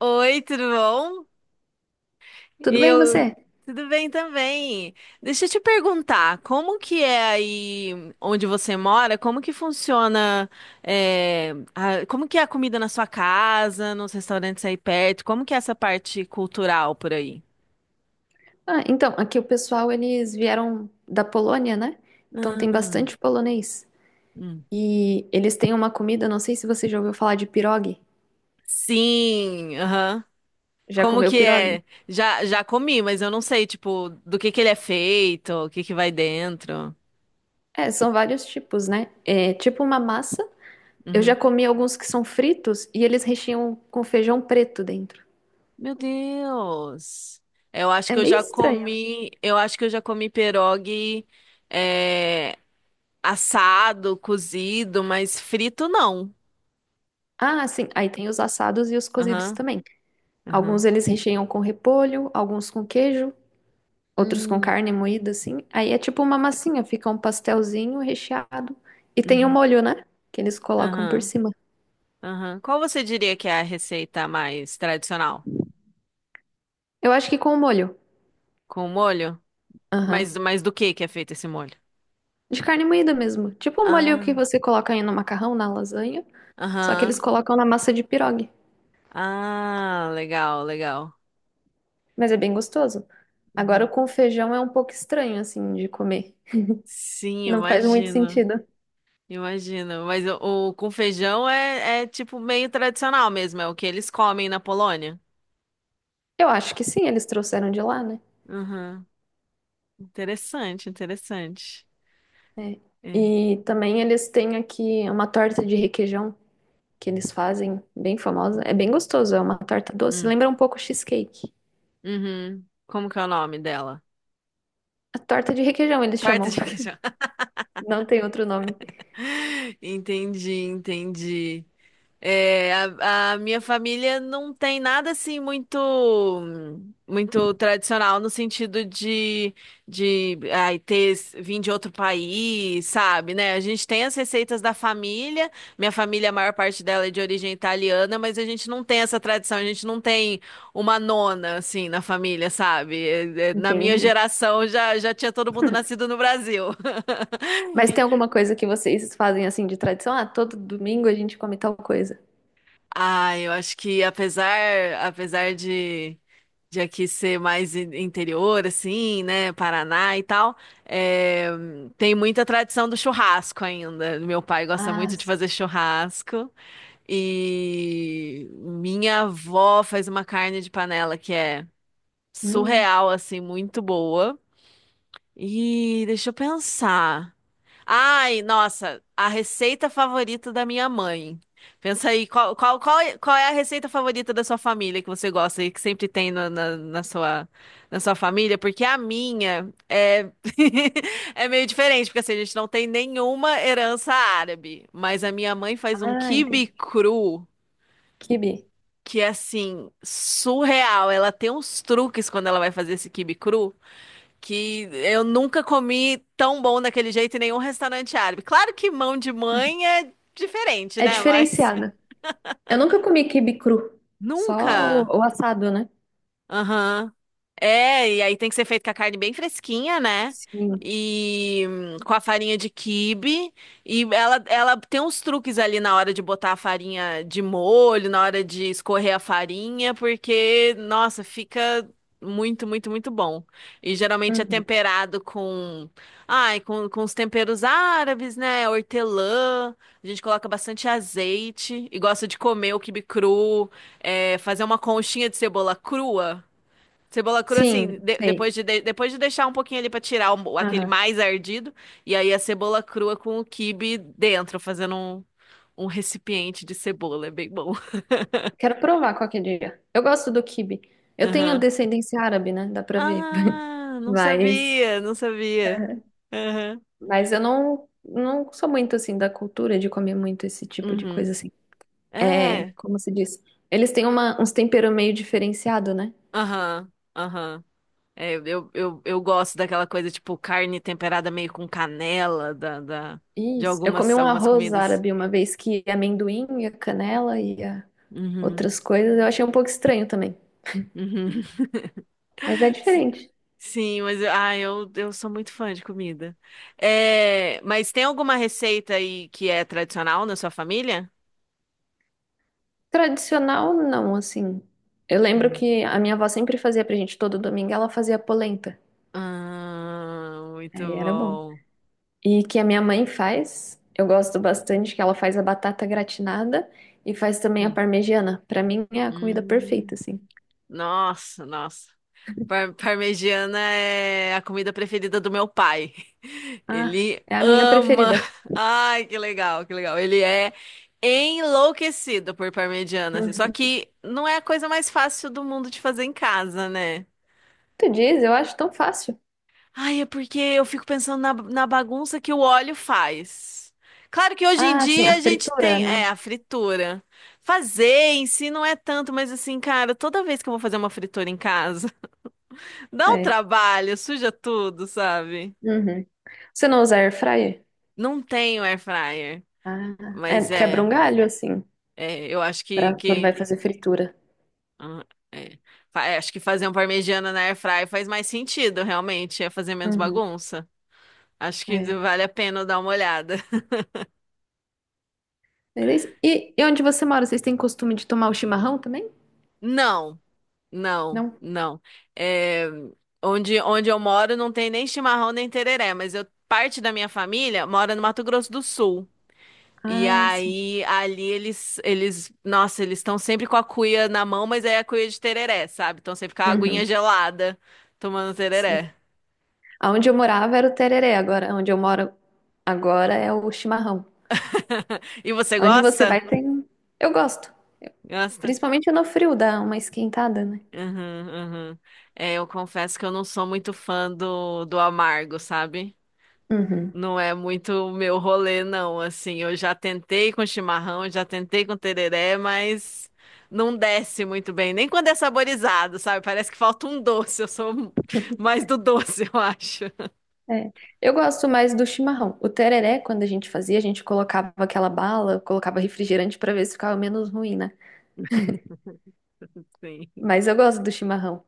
Oi, tudo bom? Tudo bem, Eu, você? tudo bem também. Deixa eu te perguntar, como que é aí onde você mora? Como que funciona, como que é a comida na sua casa, nos restaurantes aí perto? Como que é essa parte cultural por aí? Ah, então, aqui o pessoal, eles vieram da Polônia, né? Então tem Ah, bastante polonês. hum. E eles têm uma comida, não sei se você já ouviu falar de pirogue. Sim, aham. Já Como comeu que pirogue? é? Já comi, mas eu não sei, tipo, do que ele é feito, o que que vai dentro. É, são vários tipos, né? É tipo uma massa. Eu já Uhum. comi alguns que são fritos e eles recheiam com feijão preto dentro. Meu Deus. É meio estranho. Eu acho que eu já comi pierogi é, assado, cozido, mas frito não. Ah, sim. Aí tem os assados e os cozidos Aham, também. aham. Alguns eles recheiam com repolho, alguns com queijo, outros com Hum, carne moída, assim. Aí é tipo uma massinha, fica um pastelzinho recheado. E tem o uhum, molho, né? Que eles colocam por aham, cima. aham. Qual você diria que é a receita mais tradicional? Eu acho que com o molho. Com molho? Aham. Mas do que é feito esse molho? De carne moída mesmo. Tipo o molho que Ah, você coloca aí no macarrão, na lasanha. Só que eles aham. colocam na massa de pirogue. Ah, legal, legal. Mas é bem gostoso. Agora o Uhum. com feijão é um pouco estranho, assim, de comer. Sim, Não faz muito imagino. sentido. Imagino. Mas o com feijão é, é tipo meio tradicional mesmo, é o que eles comem na Polônia. Eu acho que sim, eles trouxeram de lá, né? Uhum. Interessante, interessante. É. É. E também eles têm aqui uma torta de requeijão. Que eles fazem, bem famosa. É bem gostoso, é uma torta doce. Hum. Lembra um pouco cheesecake. Uhum. Como que é o nome dela? A torta de requeijão, eles Torta chamam. de queijo. Não tem outro nome. Entendi, entendi. É, a minha família não tem nada assim muito muito tradicional no sentido de ai, ter vim de outro país, sabe, né? A gente tem as receitas da família. Minha família, a maior parte dela é de origem italiana, mas a gente não tem essa tradição, a gente não tem uma nona assim na família, sabe? Na minha Entendi. geração já tinha todo mundo nascido no Brasil. Mas tem alguma coisa que vocês fazem assim de tradição? Ah, todo domingo a gente come tal coisa. Ah, eu acho que apesar apesar de aqui ser mais interior, assim, né? Paraná e tal. É, tem muita tradição do churrasco ainda. Meu pai gosta Ah, muito de fazer churrasco. E minha avó faz uma carne de panela que é hum. surreal, assim, muito boa. E deixa eu pensar. Ai, nossa, a receita favorita da minha mãe. Pensa aí, qual é a receita favorita da sua família que você gosta e que sempre tem na sua família? Porque a minha é, é meio diferente, porque assim, a gente não tem nenhuma herança árabe. Mas a minha mãe faz um Ah, quibe entendi. cru Quibe. que é assim, surreal. Ela tem uns truques quando ela vai fazer esse quibe cru que eu nunca comi tão bom daquele jeito em nenhum restaurante árabe. Claro que mão de mãe é diferente, É né? Mas diferenciado. Eu nunca comi quibe cru. Só nunca. o assado, né? Aham. É, e aí tem que ser feito com a carne bem fresquinha, né? Sim. E com a farinha de quibe. E ela tem uns truques ali na hora de botar a farinha de molho, na hora de escorrer a farinha, porque, nossa, fica muito, muito, muito bom. E geralmente é Uhum. temperado com, ai, com os temperos árabes, né? Hortelã. A gente coloca bastante azeite e gosta de comer o quibe cru, é, fazer uma conchinha de cebola crua. Cebola crua, assim, Sim, sei. depois de, depois de deixar um pouquinho ali pra tirar aquele Aham. mais ardido, e aí a cebola crua com o quibe dentro, fazendo um, um recipiente de cebola, é bem bom. Quero provar qualquer dia. Eu gosto do quibe. Eu tenho Aham. descendência árabe, né? Dá pra ver. Ah, não Mas, sabia, não sabia. é, Aham. mas eu não sou muito assim da cultura de comer muito esse tipo de Uhum. coisa assim. É, É. como se diz? Eles têm uns temperos meio diferenciado, né? Aham. Aham. É, eu gosto daquela coisa, tipo, carne temperada meio com canela, da, de Isso. Eu comi algumas, um algumas arroz comidas. árabe uma vez que é amendoim e a canela e a Uhum. outras coisas. Eu achei um pouco estranho também. Uhum. Mas é diferente. Sim, mas eu sou muito fã de comida. É, mas tem alguma receita aí que é tradicional na sua família? Tradicional, não, assim. Eu lembro Hum. que a minha avó sempre fazia pra gente todo domingo, ela fazia polenta. Ah, muito Aí era bom. bom. E que a minha mãe faz. Eu gosto bastante que ela faz a batata gratinada e faz também a Hum. parmegiana. Pra mim é a comida Hum. perfeita, assim. Nossa, nossa. Parmegiana é a comida preferida do meu pai. Ah, Ele é a minha ama. preferida. Ai, que legal, que legal. Ele é enlouquecido por parmegiana, assim. Só Uhum. que não é a coisa mais fácil do mundo de fazer em casa, né? Tu diz, eu acho tão fácil. Ai, é porque eu fico pensando na bagunça que o óleo faz. Claro que hoje em Ah, sim, dia a a gente fritura, tem, é, né? a fritura. Fazer em si não é tanto, mas assim, cara, toda vez que eu vou fazer uma fritura em casa, dá um É. trabalho, suja tudo, sabe? Uhum. Você não usa air fryer? Não tenho air fryer, Ah, é, mas quebra um é, galho, assim, é, eu acho pra quando vai que fazer fritura. ah, é, é, acho que fazer um parmegiana na air fryer faz mais sentido, realmente, é fazer menos Uhum. bagunça. Acho que É. vale a pena eu dar uma olhada. Beleza. E onde você mora? Vocês têm costume de tomar o chimarrão também? Não. Não, Não? não. É, onde eu moro não tem nem chimarrão nem tereré, mas eu, parte da minha família mora no Mato Grosso do Sul. E Ah, sim. aí, ali nossa, eles estão sempre com a cuia na mão, mas é a cuia de tereré, sabe? Estão sempre com a aguinha Uhum. gelada, tomando Sim. tereré. Onde eu morava era o tereré, agora onde eu moro agora é o chimarrão. E você Onde você vai gosta? tem. Eu gosto. Gosta? Principalmente no frio, dá uma esquentada, né? Uhum, uhum. É, eu confesso que eu não sou muito fã do amargo, sabe? Uhum. Não é muito o meu rolê, não. Assim, eu já tentei com chimarrão, já tentei com tereré, mas não desce muito bem. Nem quando é saborizado, sabe? Parece que falta um doce. Eu sou mais do doce, eu acho. É. Eu gosto mais do chimarrão. O tereré, quando a gente fazia, a gente colocava aquela bala, colocava refrigerante pra ver se ficava menos ruim, né? Sim. Mas eu gosto do chimarrão.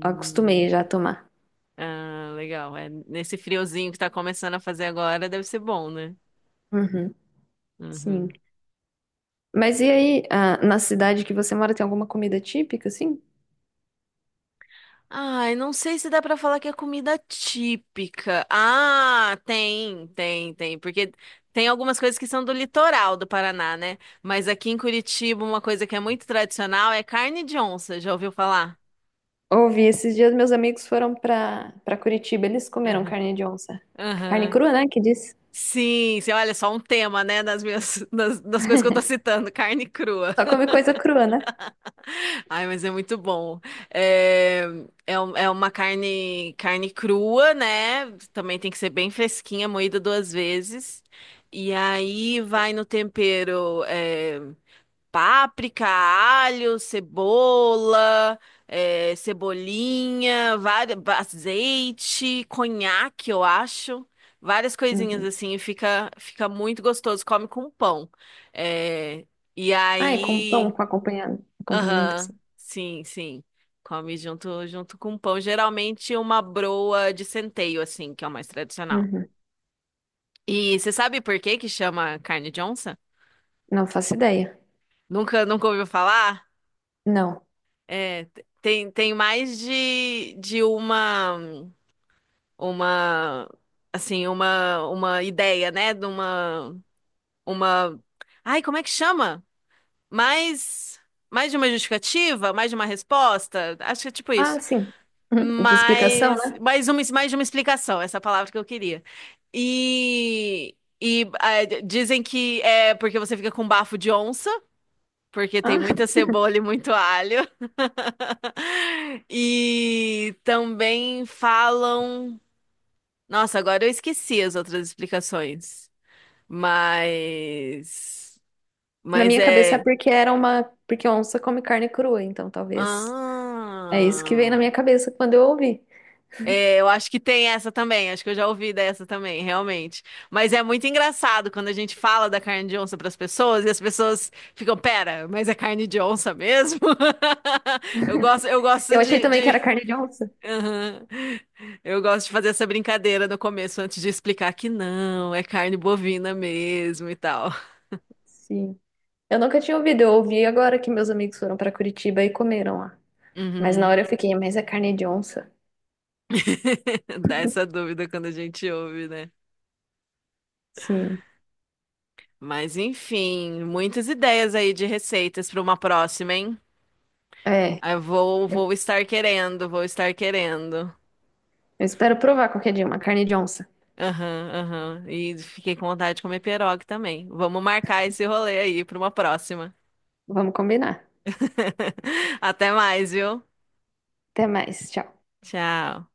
Acostumei já a tomar. Ah, legal. É, nesse friozinho que tá começando a fazer agora, deve ser bom, né? Uhum. Sim. Uhum. Mas e aí, ah, na cidade que você mora, tem alguma comida típica, assim? Ai, não sei se dá pra falar que é comida típica. Ah, tem, porque tem algumas coisas que são do litoral do Paraná, né? Mas aqui em Curitiba, uma coisa que é muito tradicional é carne de onça. Já ouviu falar? Ouvi, esses dias meus amigos foram pra Curitiba, eles comeram Aham. carne de onça. Carne Aham. crua, né? Que diz. Sim, você olha só um tema, né, das minhas das coisas que eu tô citando, carne crua. Só come coisa crua, né? Ai, mas é muito bom. É, é, é uma carne, carne crua, né? Também tem que ser bem fresquinha, moída duas vezes. E aí vai no tempero, é, páprica, alho, cebola, é, cebolinha, várias, azeite, conhaque, eu acho. Várias coisinhas Uhum. assim, e fica, fica muito gostoso. Come com pão. É, e Ah, é com pão, aí. com acompanhamento, acompanhamento Aham, assim. sim, sim. Come junto, junto com pão. Geralmente uma broa de centeio, assim, que é o mais tradicional. Uhum. E você sabe por que que chama carne de onça? Não faço ideia. Nunca, nunca ouviu falar? Não. É, tem, tem mais de uma, assim, uma ideia, né? De uma, ai, como é que chama? Mais, mais de uma justificativa? Mais de uma resposta? Acho que é tipo Ah, isso. sim. Uhum. De explicação, Mas né? mais uma, mais de uma explicação, essa palavra que eu queria. E, e ah, dizem que é porque você fica com bafo de onça, porque tem Ah, muita cebola e muito alho. E também falam. Nossa, agora eu esqueci as outras explicações. Mas. na Mas minha cabeça é é. porque era uma. Porque onça come carne crua, então talvez. É isso que veio na Ah. minha cabeça quando eu ouvi. É, eu acho que tem essa também, acho que eu já ouvi dessa também, realmente. Mas é muito engraçado quando a gente fala da carne de onça para as pessoas e as pessoas ficam, pera, mas é carne de onça mesmo? Eu gosto Eu achei de, também que era de- carne de onça. Aham. Eu gosto de fazer essa brincadeira no começo antes de explicar que não, é carne bovina mesmo e tal. Sim. Eu nunca tinha ouvido, eu ouvi agora que meus amigos foram pra Curitiba e comeram lá. Mas na Uhum. hora eu fiquei, mas é carne de onça? Dá essa dúvida quando a gente ouve, né? Sim. Mas enfim, muitas ideias aí de receitas para uma próxima, hein? É, Vou eu estar querendo, vou estar querendo. eu espero provar qualquer dia uma carne de onça. Aham, aham. E fiquei com vontade de comer pierogi também. Vamos marcar esse rolê aí para uma próxima. Vamos combinar. Até mais, viu? Até mais, tchau. Tchau.